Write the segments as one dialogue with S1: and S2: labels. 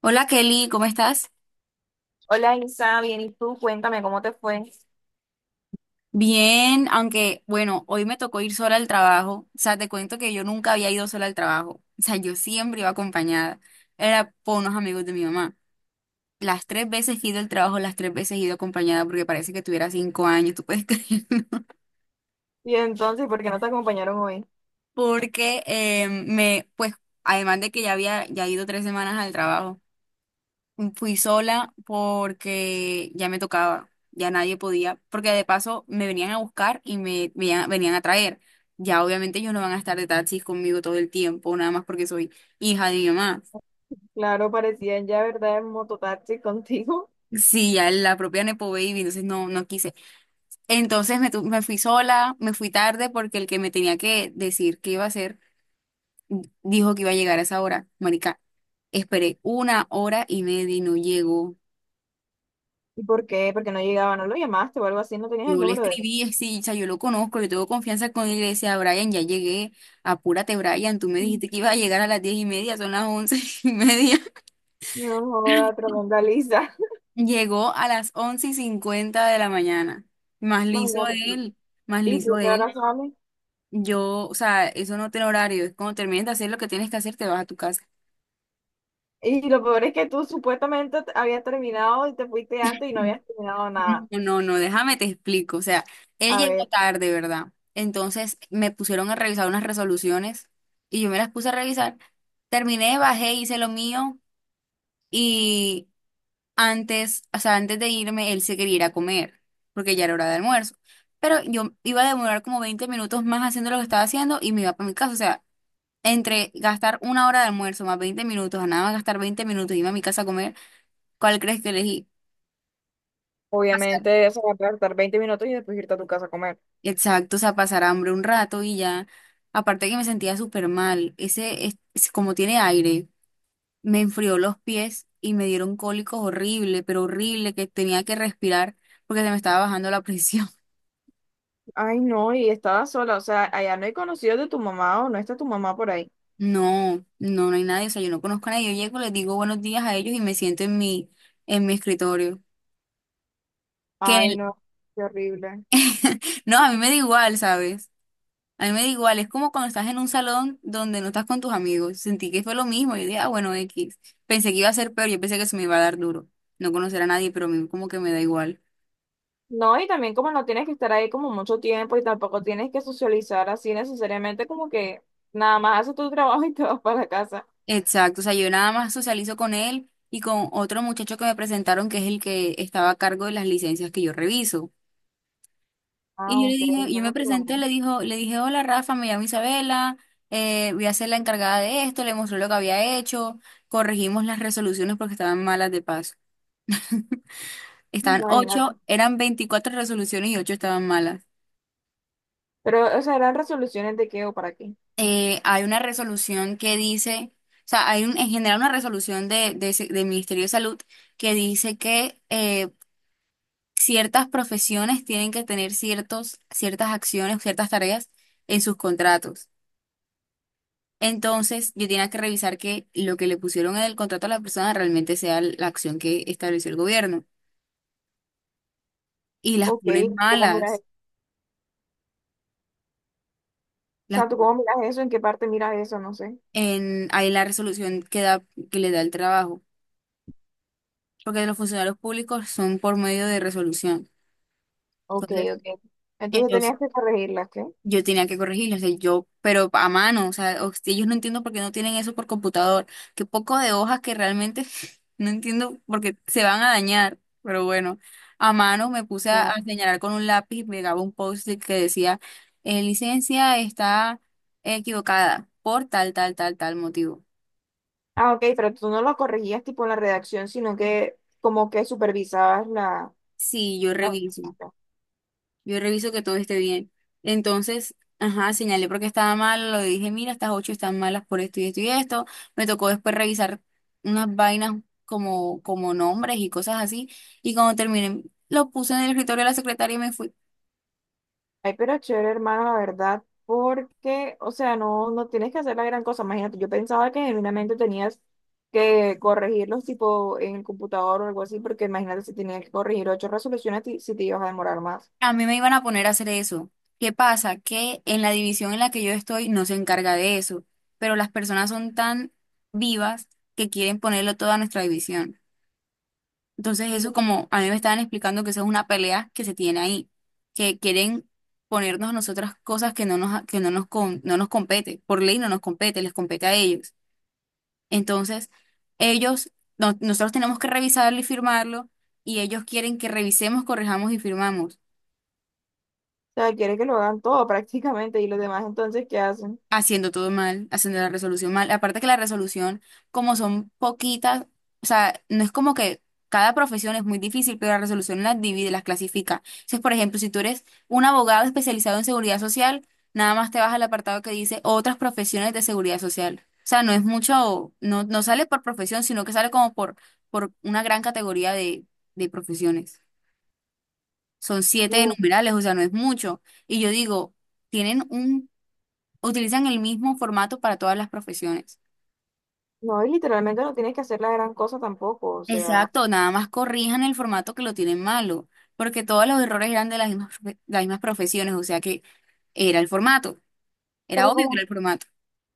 S1: Hola Kelly, ¿cómo estás?
S2: Hola Isa, bien, ¿y tú? Cuéntame cómo te fue.
S1: Bien, aunque bueno, hoy me tocó ir sola al trabajo. O sea, te cuento que yo nunca había ido sola al trabajo. O sea, yo siempre iba acompañada. Era por unos amigos de mi mamá. Las tres veces que he ido al trabajo, las tres veces he ido acompañada porque parece que tuviera 5 años. ¿Tú puedes creerlo?
S2: Y entonces, ¿por qué no te acompañaron hoy?
S1: Porque además de que ya había ya ido 3 semanas al trabajo. Fui sola porque ya me tocaba, ya nadie podía, porque de paso me venían a buscar y venían a traer. Ya obviamente ellos no van a estar de taxis conmigo todo el tiempo, nada más porque soy hija de mi mamá.
S2: Claro, parecían ya, ¿verdad?, en mototaxi contigo.
S1: Sí, ya la propia Nepo Baby, entonces no, no quise. Entonces me fui sola, me fui tarde porque el que me tenía que decir qué iba a hacer dijo que iba a llegar a esa hora. Marica, esperé una hora y media y no llegó.
S2: ¿Y por qué? Porque no llegaba, no lo llamaste o algo así, no tenías el
S1: Yo le
S2: número de
S1: escribí, así, o sea, yo lo conozco, yo tengo confianza con él, y le decía: "Brian, ya llegué, apúrate. Brian, tú me
S2: él.
S1: dijiste que ibas a llegar a las 10:30, son las once y media".
S2: No, joda, tremenda lisa.
S1: Llegó a las 11:50 de la mañana. Más liso
S2: Imagínate.
S1: él, más
S2: ¿Y
S1: liso
S2: tú qué hora
S1: él.
S2: sales?
S1: Yo, o sea, eso no tiene horario, es cuando termines de hacer lo que tienes que hacer, te vas a tu casa.
S2: Y lo peor es que tú supuestamente habías terminado y te fuiste antes y no habías terminado nada.
S1: No, no, no, déjame te explico, o sea, él
S2: A
S1: llegó
S2: ver,
S1: tarde, ¿verdad? Entonces me pusieron a revisar unas resoluciones y yo me las puse a revisar. Terminé, bajé, hice lo mío. Y antes, o sea, antes de irme, él se quería ir a comer, porque ya era hora de almuerzo. Pero yo iba a demorar como 20 minutos más haciendo lo que estaba haciendo y me iba para mi casa. O sea, entre gastar una hora de almuerzo más 20 minutos, a nada más gastar 20 minutos y irme a mi casa a comer, ¿cuál crees que elegí? Pasar.
S2: obviamente, eso va a tardar 20 minutos y después irte a tu casa a comer.
S1: Exacto, o sea, pasar hambre un rato y ya. Aparte que me sentía súper mal. Como tiene aire, me enfrió los pies y me dieron cólicos horrible, pero horrible, que tenía que respirar porque se me estaba bajando la presión.
S2: Ay, no, y estaba sola, o sea, allá no hay conocidos de tu mamá o no está tu mamá por ahí.
S1: No, no, no hay nadie, o sea, yo no conozco a nadie. Yo llego, les digo buenos días a ellos y me siento en mi escritorio. Que
S2: Ay,
S1: el-
S2: no, qué horrible.
S1: no, a mí me da igual, ¿sabes? A mí me da igual, es como cuando estás en un salón donde no estás con tus amigos. Sentí que fue lo mismo, yo dije: "Ah, bueno, X". Pensé que iba a ser peor, yo pensé que se me iba a dar duro. No conocer a nadie, pero a mí como que me da igual.
S2: No, y también como no tienes que estar ahí como mucho tiempo y tampoco tienes que socializar así necesariamente, como que nada más haces tu trabajo y te vas para la casa.
S1: Exacto, o sea, yo nada más socializo con él y con otro muchacho que me presentaron, que es el que estaba a cargo de las licencias que yo reviso.
S2: Ah,
S1: Y yo le
S2: ok,
S1: dije, yo me
S2: bueno, por lo
S1: presenté,
S2: menos,
S1: le dijo, le dije: "Hola Rafa, me llamo Isabela, voy a ser la encargada de esto". Le mostré lo que había hecho, corregimos las resoluciones porque estaban malas de paso. Estaban
S2: imagínate.
S1: ocho, eran 24 resoluciones y ocho estaban malas.
S2: Pero, o sea, ¿eran resoluciones de qué o para qué?
S1: Hay una resolución que dice, o sea, en general una resolución del Ministerio de Salud que dice que ciertas profesiones tienen que tener ciertos, ciertas acciones, ciertas tareas en sus contratos. Entonces, yo tenía que revisar que lo que le pusieron en el contrato a la persona realmente sea la acción que estableció el gobierno. Y las
S2: Ok,
S1: ponen
S2: ¿cómo miras
S1: malas.
S2: eso? O
S1: Las,
S2: sea, ¿tú cómo miras eso? ¿En qué parte miras eso? No sé.
S1: Ahí la resolución que da, que le da el trabajo. Porque los funcionarios públicos son por medio de resolución.
S2: Ok, ok. Entonces
S1: Entonces,
S2: tenías que corregirlas, ¿qué?
S1: yo tenía que corregirlo, o sea, yo, pero a mano, o sea, si ellos no entiendo por qué no tienen eso por computador. Qué poco de hojas que realmente no entiendo porque se van a dañar, pero bueno, a mano me puse a
S2: Ah,
S1: señalar con un lápiz y pegaba un post-it que decía: Licencia está equivocada por tal, tal, tal, tal motivo".
S2: ah, ok, pero tú no lo corregías tipo en la redacción, sino que como que supervisabas la...
S1: Sí, yo
S2: la-
S1: reviso. Yo reviso que todo esté bien. Entonces, ajá, señalé porque estaba mal, lo dije: "Mira, estas ocho están malas por esto y esto y esto". Me tocó después revisar unas vainas como, como nombres y cosas así. Y cuando terminé, lo puse en el escritorio de la secretaria y me fui.
S2: Ay, pero chévere, hermano, la verdad, porque, o sea, no, no tienes que hacer la gran cosa. Imagínate, yo pensaba que genuinamente tenías que corregirlos tipo en el computador o algo así, porque imagínate si tenías que corregir 8 resoluciones, si te ibas a demorar más.
S1: A mí me iban a poner a hacer eso. ¿Qué pasa? Que en la división en la que yo estoy no se encarga de eso, pero las personas son tan vivas que quieren ponerlo todo a nuestra división. Entonces
S2: O
S1: eso como a mí me estaban explicando, que eso es una pelea que se tiene ahí, que quieren ponernos a nosotras cosas que no nos compete, por ley no nos compete, les compete a ellos. Entonces ellos, nosotros tenemos que revisarlo y firmarlo y ellos quieren que revisemos, corrijamos y firmamos.
S2: sea, quieres que lo hagan todo prácticamente y los demás entonces, ¿qué hacen?
S1: Haciendo todo mal, haciendo la resolución mal. Aparte que la resolución, como son poquitas, o sea, no es como que cada profesión es muy difícil, pero la resolución las divide, las clasifica. Entonces, por ejemplo, si tú eres un abogado especializado en seguridad social, nada más te vas al apartado que dice otras profesiones de seguridad social. O sea, no es mucho, no, no sale por profesión, sino que sale como por una gran categoría de profesiones. Son siete
S2: Mm,
S1: numerales, o sea, no es mucho. Y yo digo, tienen un utilizan el mismo formato para todas las profesiones.
S2: no, y literalmente no tienes que hacer la gran cosa tampoco, o sea.
S1: Exacto, nada más corrijan el formato que lo tienen malo, porque todos los errores eran de las mismas, las mismas profesiones, o sea que era el formato, era
S2: Pero
S1: obvio que era
S2: como
S1: el formato.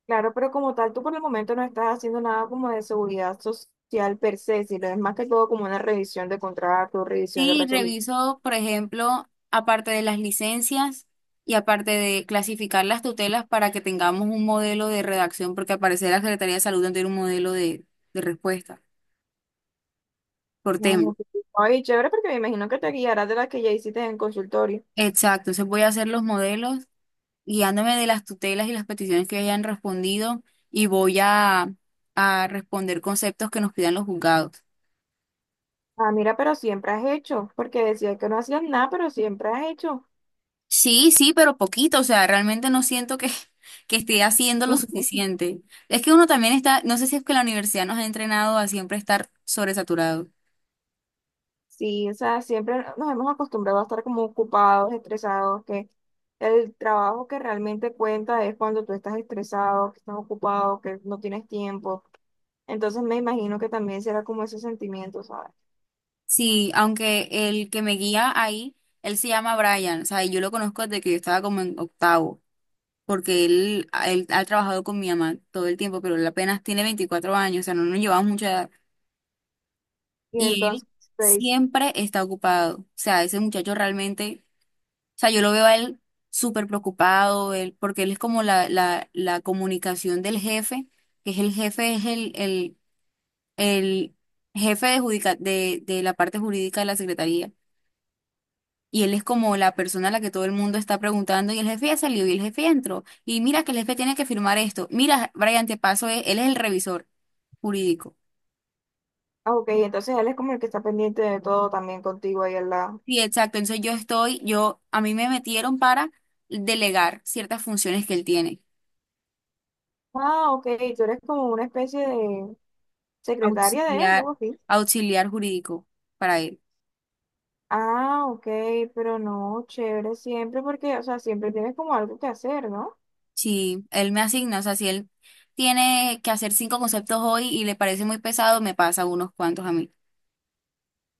S2: claro, pero como tal, tú por el momento no estás haciendo nada como de seguridad social per se, sino es más que todo como una revisión de contrato, revisión de
S1: Sí,
S2: resolución.
S1: reviso, por ejemplo, aparte de las licencias y aparte de clasificar las tutelas para que tengamos un modelo de redacción, porque al parecer la Secretaría de Salud no tiene un modelo de respuesta por tema.
S2: Ay, chévere, porque me imagino que te guiarás de las que ya hiciste en consultorio.
S1: Exacto, entonces voy a hacer los modelos guiándome de las tutelas y las peticiones que hayan respondido y voy a responder conceptos que nos pidan los juzgados.
S2: Ah, mira, pero siempre has hecho, porque decías que no hacías nada, pero siempre has hecho.
S1: Sí, sí, pero poquito, o sea, realmente no siento que, que esté haciendo lo suficiente. Es que uno también está, no sé si es que la universidad nos ha entrenado a siempre estar sobresaturado.
S2: Sí, o sea, siempre nos hemos acostumbrado a estar como ocupados, estresados, que el trabajo que realmente cuenta es cuando tú estás estresado, que estás ocupado, que no tienes tiempo. Entonces me imagino que también será como ese sentimiento, ¿sabes?
S1: Sí, aunque el que me guía ahí, él se llama Brian, o sea, y yo lo conozco desde que yo estaba como en octavo, porque él ha trabajado con mi mamá todo el tiempo, pero él apenas tiene 24 años, o sea, no nos llevamos mucho.
S2: Y
S1: Y él
S2: entonces te dice,
S1: siempre está ocupado. O sea, ese muchacho realmente, o sea, yo lo veo a él súper preocupado, él, porque él es como la comunicación del jefe, que es el jefe, es el jefe de la parte jurídica de la secretaría. Y él es como la persona a la que todo el mundo está preguntando, y el jefe ya salió, y el jefe ya entró. Y mira que el jefe tiene que firmar esto. Mira, Brian, te paso, él es el revisor jurídico.
S2: ah, ok, entonces él es como el que está pendiente de todo también contigo ahí al lado.
S1: Sí, exacto. Entonces yo estoy, yo, a mí me metieron para delegar ciertas funciones que él tiene,
S2: Ah, ok, tú eres como una especie de secretaria de él,
S1: auxiliar,
S2: algo así.
S1: auxiliar jurídico para él.
S2: Ah, ok, pero no, chévere siempre porque, o sea, siempre tienes como algo que hacer, ¿no?
S1: Sí, él me asigna, o sea, si él tiene que hacer cinco conceptos hoy y le parece muy pesado, me pasa unos cuantos a mí.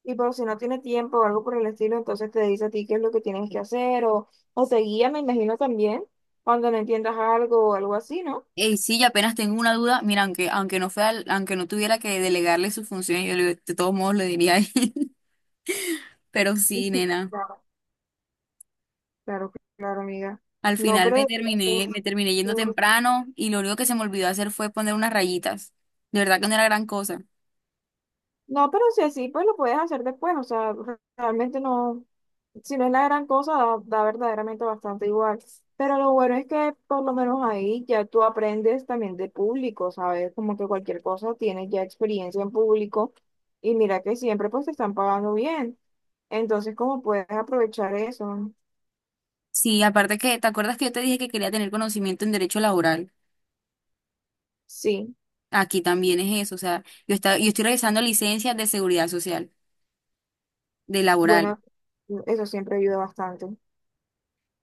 S2: Y por si no tiene tiempo o algo por el estilo, entonces te dice a ti qué es lo que tienes que hacer o te guía, me imagino también, cuando no entiendas algo o algo así, ¿no?
S1: Y sí, yo apenas tengo una duda, mira, aunque, aunque no fuera, aunque no tuviera que delegarle sus funciones, de todos modos lo diría ahí. Pero sí, nena.
S2: Claro, claro, amiga.
S1: Al
S2: No,
S1: final me
S2: pero
S1: terminé, me terminé yendo temprano y lo único que se me olvidó hacer fue poner unas rayitas. De verdad que no era gran cosa.
S2: no, pero si así, pues lo puedes hacer después. O sea, realmente no, si no es la gran cosa, da, da verdaderamente bastante igual. Pero lo bueno es que por lo menos ahí ya tú aprendes también de público, ¿sabes? Como que cualquier cosa tienes ya experiencia en público y mira que siempre pues te están pagando bien. Entonces, ¿cómo puedes aprovechar eso?
S1: Sí, aparte que, ¿te acuerdas que yo te dije que quería tener conocimiento en derecho laboral?
S2: Sí,
S1: Aquí también es eso, o sea, yo estoy revisando licencias de seguridad social, de laboral.
S2: bueno, eso siempre ayuda bastante.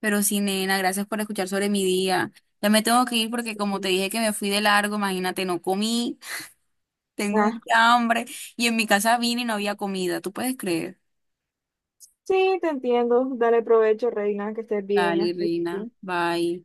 S1: Pero sí, nena, gracias por escuchar sobre mi día. Ya me tengo que ir porque como te dije que me fui de largo, imagínate, no comí, tengo mucha hambre y en mi casa vine y no había comida, ¿tú puedes creer?
S2: Sí, te entiendo. Dale provecho, Reina, que estés bien.
S1: Dale,
S2: Hasta
S1: reina,
S2: luego.
S1: bye.